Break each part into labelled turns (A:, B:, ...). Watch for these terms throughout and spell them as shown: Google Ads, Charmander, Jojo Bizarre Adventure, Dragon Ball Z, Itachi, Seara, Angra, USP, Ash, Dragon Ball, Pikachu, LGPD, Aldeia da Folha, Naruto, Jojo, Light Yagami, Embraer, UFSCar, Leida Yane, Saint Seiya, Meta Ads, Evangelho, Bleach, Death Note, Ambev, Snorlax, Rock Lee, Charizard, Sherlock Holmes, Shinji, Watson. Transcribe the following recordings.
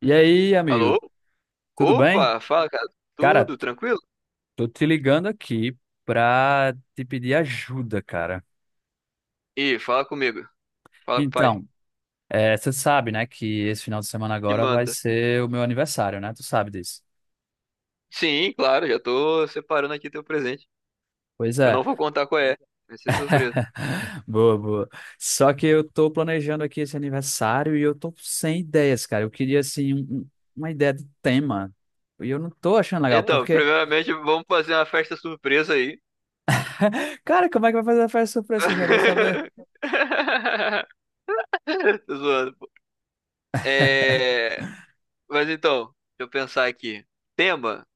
A: E aí,
B: Alô?
A: amigo, tudo bem?
B: Opa, fala, cara.
A: Cara,
B: Tudo tranquilo?
A: tô te ligando aqui pra te pedir ajuda, cara.
B: Ih, fala comigo. Fala com o pai.
A: Então, você sabe, né, que esse final de semana
B: Que
A: agora vai
B: manda.
A: ser o meu aniversário, né? Tu sabe disso.
B: Sim, claro, já tô separando aqui teu presente.
A: Pois
B: Eu
A: é.
B: não vou contar qual é. Vai ser surpresa.
A: Boa, boa. Só que eu tô planejando aqui esse aniversário e eu tô sem ideias, cara. Eu queria, assim, uma ideia de tema. E eu não tô achando legal,
B: Então,
A: porque,
B: primeiramente, vamos fazer uma festa surpresa aí.
A: cara, como é que vai fazer a festa surpresa? Eu já vou saber.
B: Tô zoando, pô. É... Mas então, deixa eu pensar aqui. Tema?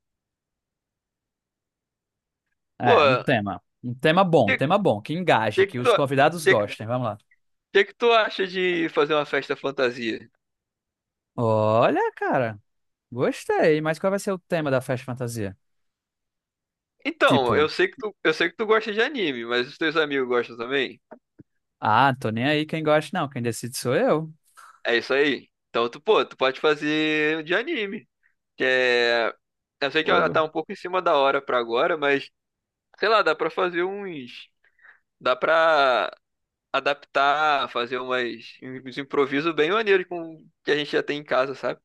B: Pô,
A: É, um tema. Um
B: que,
A: tema bom, que engaje,
B: que, que,
A: que
B: tu,
A: os convidados
B: que,
A: gostem. Vamos lá.
B: que tu acha de fazer uma festa fantasia?
A: Olha, cara, gostei, mas qual vai ser o tema da festa fantasia?
B: Então,
A: Tipo,
B: eu sei que tu gosta de anime, mas os teus amigos gostam também?
A: ah, tô nem aí quem gosta, não, quem decide sou eu.
B: É isso aí. Então, tu pode fazer de anime. Que é... Eu sei que ela tá um pouco em cima da hora pra agora, mas, sei lá, dá pra adaptar, fazer uns improvisos bem maneiros com que a gente já tem em casa, sabe?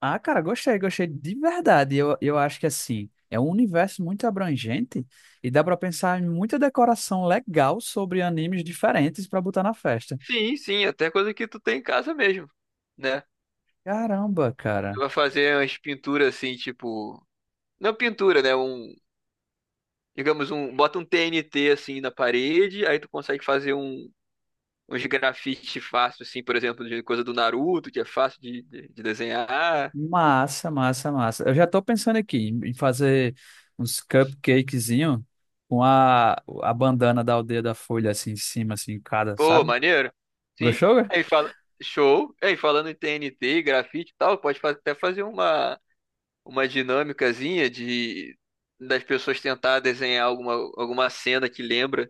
A: Ah, cara, gostei, gostei de verdade. Eu acho que assim, é um universo muito abrangente e dá pra pensar em muita decoração legal sobre animes diferentes pra botar na festa.
B: Sim, sim, até coisa que tu tem em casa mesmo, né?
A: Caramba,
B: Tu
A: cara.
B: vai fazer umas pinturas assim, tipo. Não pintura, né? Digamos, bota um TNT assim na parede, aí tu consegue fazer uns grafite fácil, assim, por exemplo, de coisa do Naruto, que é fácil de desenhar.
A: Massa, massa, massa. Eu já tô pensando aqui em fazer uns cupcakezinho com a bandana da Aldeia da Folha assim em cima, assim, em cada,
B: Pô,
A: sabe?
B: maneiro. Sim.
A: Gostou? Cara?
B: Aí fala, show. Aí falando em TNT, grafite e tal, até fazer uma dinâmicazinha de das pessoas tentar desenhar alguma cena que lembra,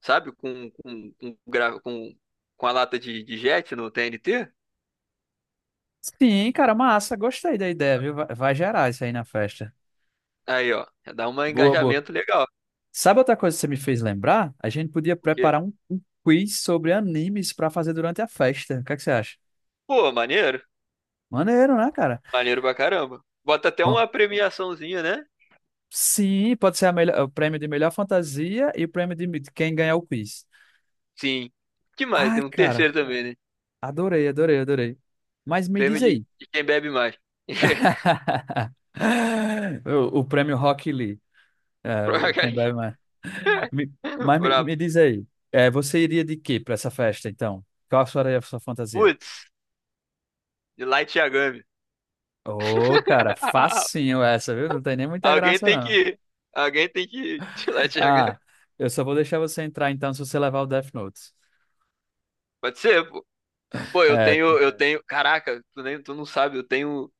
B: sabe? Com com a lata de jet no TNT.
A: Sim, cara, massa. Gostei da ideia, viu? Vai, vai gerar isso aí na festa.
B: Aí, ó, dá um
A: Boa, boa.
B: engajamento legal.
A: Sabe outra coisa que você me fez lembrar? A gente podia preparar um quiz sobre animes pra fazer durante a festa. O que é que você acha?
B: Pô, maneiro.
A: Maneiro, né, cara?
B: Maneiro pra caramba. Bota até
A: Bom,
B: uma premiaçãozinha, né?
A: Sim, pode ser a melhor- o prêmio de melhor fantasia e o prêmio de quem ganhar o quiz.
B: Sim. Que mais?
A: Ai,
B: Tem um terceiro
A: cara.
B: também, né?
A: Adorei, adorei, adorei. Mas me
B: Prêmio
A: diz aí.
B: de quem bebe mais.
A: O, o prêmio Rock Lee, é, o
B: Pra...
A: Quem Bebe Mais. Me-
B: pra...
A: me diz aí, é, você iria de quê para essa festa, então? Qual seria a sua fantasia?
B: Putz, de Light Yagami.
A: Ô, cara, facinho essa, viu? Não tem nem muita
B: Alguém
A: graça,
B: tem
A: não.
B: que. Alguém tem que tirar Tiago.
A: Ah, eu só vou deixar você entrar, então, se você levar o Death Note.
B: Pode ser, pô. Pô, eu
A: É,
B: tenho, eu tenho. Caraca, tu não sabe, eu tenho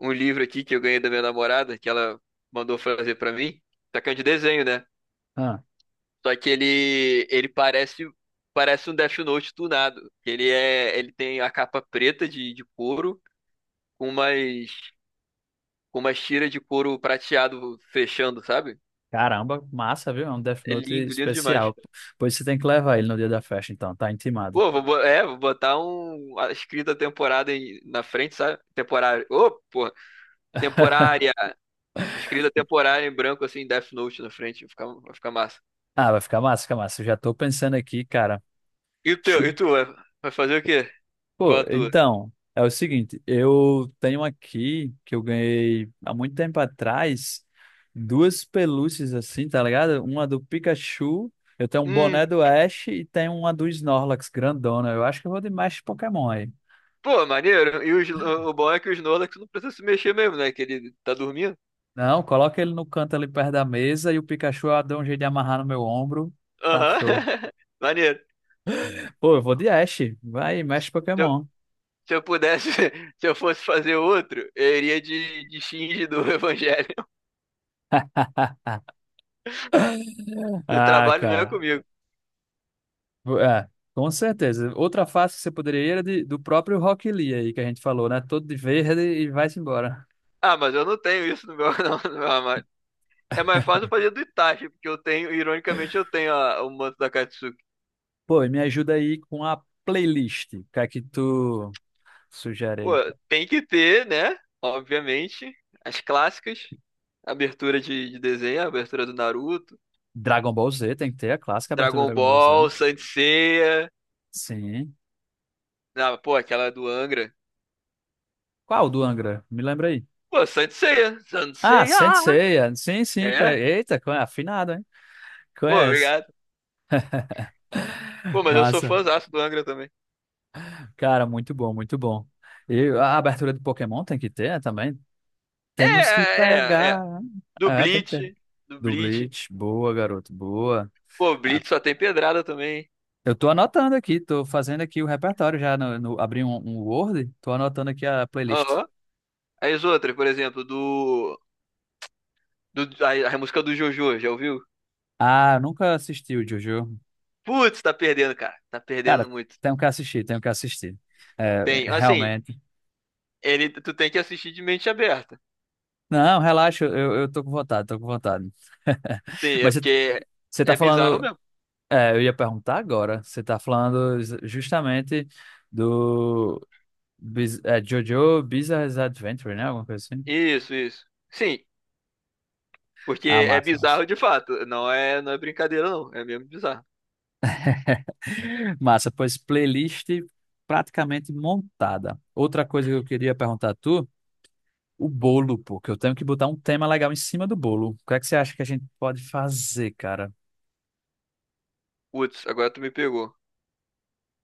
B: um livro aqui que eu ganhei da minha namorada, que ela mandou fazer pra mim. Só que é de desenho, né?
A: ah,
B: Só que ele parece um Death Note tunado. Ele tem a capa preta de couro com umas, com umas tiras de couro prateado fechando, sabe?
A: caramba, massa, viu? É um Death
B: É
A: Note
B: lindo, lindo demais.
A: especial. Pois você tem que levar ele no dia da festa, então, tá intimado.
B: Pô, vou botar um a escrita temporada na frente, sabe? Temporária. Ô, pô, temporária. Escrita temporária em branco assim, Death Note na frente, vai ficar massa.
A: Ah, vai ficar massa, fica massa. Eu já tô pensando aqui, cara.
B: E
A: Chu-
B: tu, vai fazer o quê? Qual
A: Pô,
B: a tua?
A: então, é o seguinte, eu tenho aqui que eu ganhei há muito tempo atrás duas pelúcias assim, tá ligado? Uma do Pikachu, eu tenho um boné
B: Hum.
A: do Ash e tenho uma do Snorlax grandona. Eu acho que eu vou de mais Pokémon aí.
B: Pô, maneiro. E o bom é que o Snorlax não precisa se mexer mesmo, né? Que ele tá dormindo.
A: Não, coloca ele no canto ali perto da mesa e o Pikachu eu dou um jeito de amarrar no meu ombro. Tá
B: Aham.
A: show.
B: Maneiro.
A: Pô, eu vou de Ash. Vai, Mestre
B: Se eu,
A: Pokémon.
B: Se eu pudesse, se eu fosse fazer outro, eu iria de Shinji do Evangelho. O
A: Ah,
B: trabalho não é Ah,
A: cara.
B: comigo.
A: É, com certeza. Outra fase que você poderia ir era de- do próprio Rock Lee aí que a gente falou, né? Todo de verde e vai-se embora.
B: Ah, mas eu não tenho isso no meu, não, no meu armário. É mais fácil eu fazer do Itachi, porque eu tenho, ironicamente, eu tenho o manto da Katsuki.
A: Pô, e me ajuda aí com a playlist. O que é que tu sugere
B: Pô,
A: aí?
B: tem que ter, né? Obviamente, as clássicas. Abertura de desenho, abertura do Naruto,
A: Dragon Ball Z, tem que ter a clássica abertura do
B: Dragon
A: Dragon Ball Z.
B: Ball, Saint Seiya.
A: Sim.
B: Não, pô, aquela do Angra.
A: Qual do Angra? Me lembra aí.
B: Pô, Sanseia,
A: Ah,
B: Sanseia.
A: Sensei. Sim, sim. Conhe...
B: É?
A: Eita, conhe... afinado, hein?
B: Pô,
A: Conhece.
B: obrigado. Pô, mas eu sou
A: Massa.
B: fãzaço do Angra também.
A: Cara, muito bom, muito bom. E a abertura do Pokémon tem que ter, né, também.
B: É,
A: Temos que
B: é, é.
A: pegar.
B: Do
A: É, tem que ter.
B: Bleach, do
A: Do
B: Bleach.
A: Bleach, boa, garoto, boa.
B: Pô,
A: Ah,
B: Bleach só tem pedrada também.
A: eu tô anotando aqui, tô fazendo aqui o repertório já, abri um Word, tô anotando aqui a playlist.
B: Aham. Aí as outras, por exemplo, a música do Jojo, já ouviu?
A: Ah, eu nunca assisti o Jojo.
B: Putz, tá perdendo, cara. Tá perdendo
A: Cara,
B: muito.
A: tenho que assistir, tenho que assistir.
B: Tem,
A: É,
B: assim,
A: realmente.
B: tu tem que assistir de mente aberta.
A: Não, relaxa, eu tô com vontade, tô com vontade.
B: É
A: Mas você
B: porque
A: você tá
B: é bizarro
A: falando,
B: mesmo.
A: é, eu ia perguntar agora, você tá falando justamente do Jojo Bizarre Adventure, né? Alguma coisa assim.
B: Isso, isso. Sim,
A: Ah,
B: porque é
A: massa, massa.
B: bizarro de fato. Não é, não é brincadeira, não. É mesmo bizarro.
A: Massa, pois playlist praticamente montada. Outra coisa que eu queria perguntar a tu, o bolo, pô, que eu tenho que botar um tema legal em cima do bolo. O que é que você acha que a gente pode fazer, cara?
B: Putz, agora tu me pegou.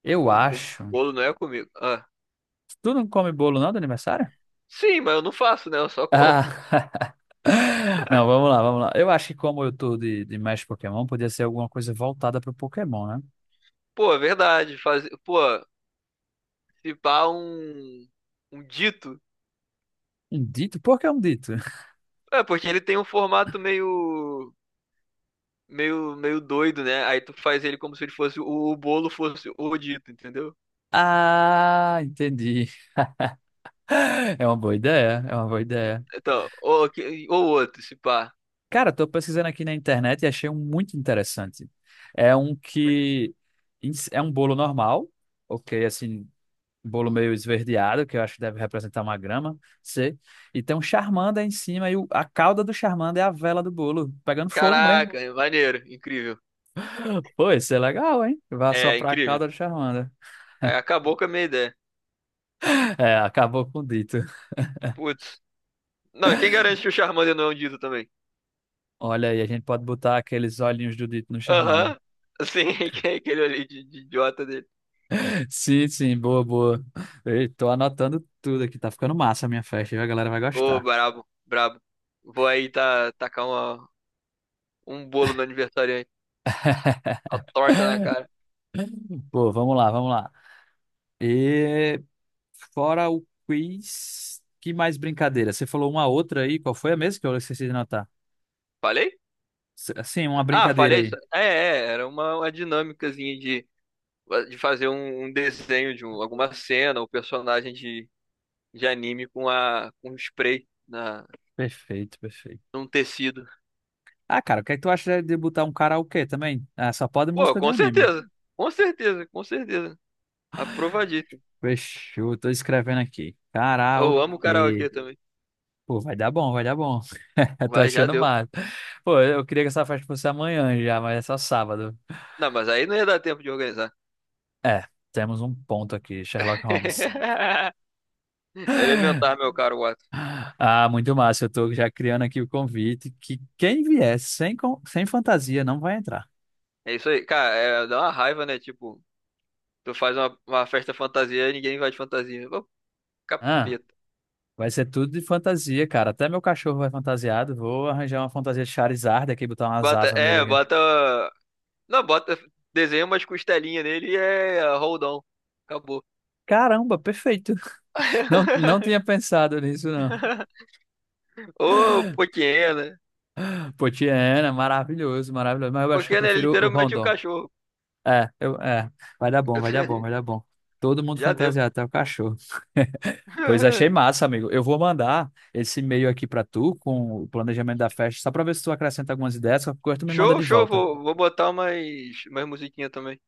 A: Eu
B: Pô, com
A: acho.
B: bolo não é comigo. Ah.
A: Tu não come bolo não do aniversário?
B: Sim, mas eu não faço, né? Eu só como.
A: Ah. Não, vamos lá, vamos lá. Eu acho que como eu tô de mestre Pokémon, podia ser alguma coisa voltada pro Pokémon, né?
B: Pô, é verdade. Pô, se pá um dito.
A: Um dito? Por que um dito?
B: É, porque ele tem um formato meio, meio doido, né? Aí tu faz ele como se ele fosse o bolo fosse o dito, entendeu?
A: Ah, entendi. É uma boa ideia, é uma boa ideia.
B: Então, ou outro, se pá.
A: Cara, tô pesquisando aqui na internet e achei um muito interessante. É um
B: Como é que-
A: que é um bolo normal, ok, assim, um bolo meio esverdeado, que eu acho que deve representar uma grama, sei. E tem um charmander em cima e a cauda do charmander é a vela do bolo, pegando fogo mesmo.
B: Caraca, é maneiro, incrível.
A: Pô, isso é legal, hein? Vai
B: É,
A: soprar a
B: incrível.
A: cauda do charmander.
B: Aí acabou com a minha ideia.
A: É, acabou com o dito.
B: Putz. Não, e quem garante que o Charmander não é um Dito também?
A: Olha aí, a gente pode botar aqueles olhinhos do dito no charmander.
B: Aham. Sim, que é aquele ali de idiota dele.
A: Sim, sim, boa, boa. Ei, tô anotando tudo aqui, tá ficando massa a minha festa, viu? A galera vai
B: Ô,
A: gostar.
B: brabo, brabo. Vou aí tá, tacar um bolo no aniversariante. Uma torta na cara.
A: Pô, vamos lá, vamos lá. E fora o quiz, que mais brincadeira? Você falou uma outra aí, qual foi a mesma que eu esqueci de anotar?
B: Falei?
A: Sim, uma
B: Ah,
A: brincadeira
B: falei isso.
A: aí.
B: Era uma dinâmicazinha de fazer um desenho alguma cena ou personagem de anime com um spray
A: Perfeito, perfeito.
B: num tecido.
A: Ah, cara, o que é que tu acha de botar um karaokê também? Ah, só pode
B: Pô,
A: música de
B: com
A: anime.
B: certeza. Com certeza, com certeza. Aprovadíssimo.
A: Fechou, tô escrevendo aqui.
B: Eu amo karaokê
A: Karaokê.
B: também.
A: Pô, vai dar bom, vai dar bom. Eu tô
B: Vai, já
A: achando
B: deu.
A: massa. Pô, eu queria que essa festa fosse amanhã já, mas é só sábado.
B: Não, mas aí não ia dar tempo de organizar.
A: É, temos um ponto aqui, Sherlock Holmes.
B: Elementar, meu caro Watson.
A: Ah, muito massa. Eu tô já criando aqui o convite que quem vier sem, sem fantasia não vai entrar.
B: É isso aí. Cara, é, dá uma raiva, né? Tipo, tu faz uma festa fantasia e ninguém vai de fantasia. Ô,
A: Ah,
B: capeta.
A: vai ser tudo de fantasia, cara. Até meu cachorro vai fantasiado. Vou arranjar uma fantasia de Charizard aqui, botar umas
B: Bota,
A: asas nele
B: é,
A: aqui.
B: bota. Não, bota. Desenha umas costelinhas nele e é hold on. Acabou.
A: Caramba, perfeito. Não, não tinha pensado nisso, não.
B: Ô, Poquiena.
A: Potiena, maravilhoso, maravilhoso. Mas eu acho que eu
B: Poquiena é
A: prefiro o
B: literalmente um
A: Rondon.
B: cachorro.
A: É, eu, é, vai dar bom, vai dar bom, vai dar bom. Todo mundo
B: Já deu.
A: fantasiado, até o cachorro. Pois achei massa, amigo. Eu vou mandar esse e-mail aqui pra tu com o planejamento da festa, só pra ver se tu acrescenta algumas ideias, qualquer coisa tu me manda
B: Show,
A: de
B: show.
A: volta.
B: Vou botar umas musiquinhas também.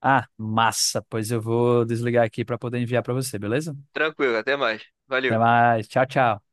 A: Ah, massa. Pois eu vou desligar aqui pra poder enviar pra você, beleza?
B: Tranquilo, até mais. Valeu.
A: Até mais. Tchau, tchau.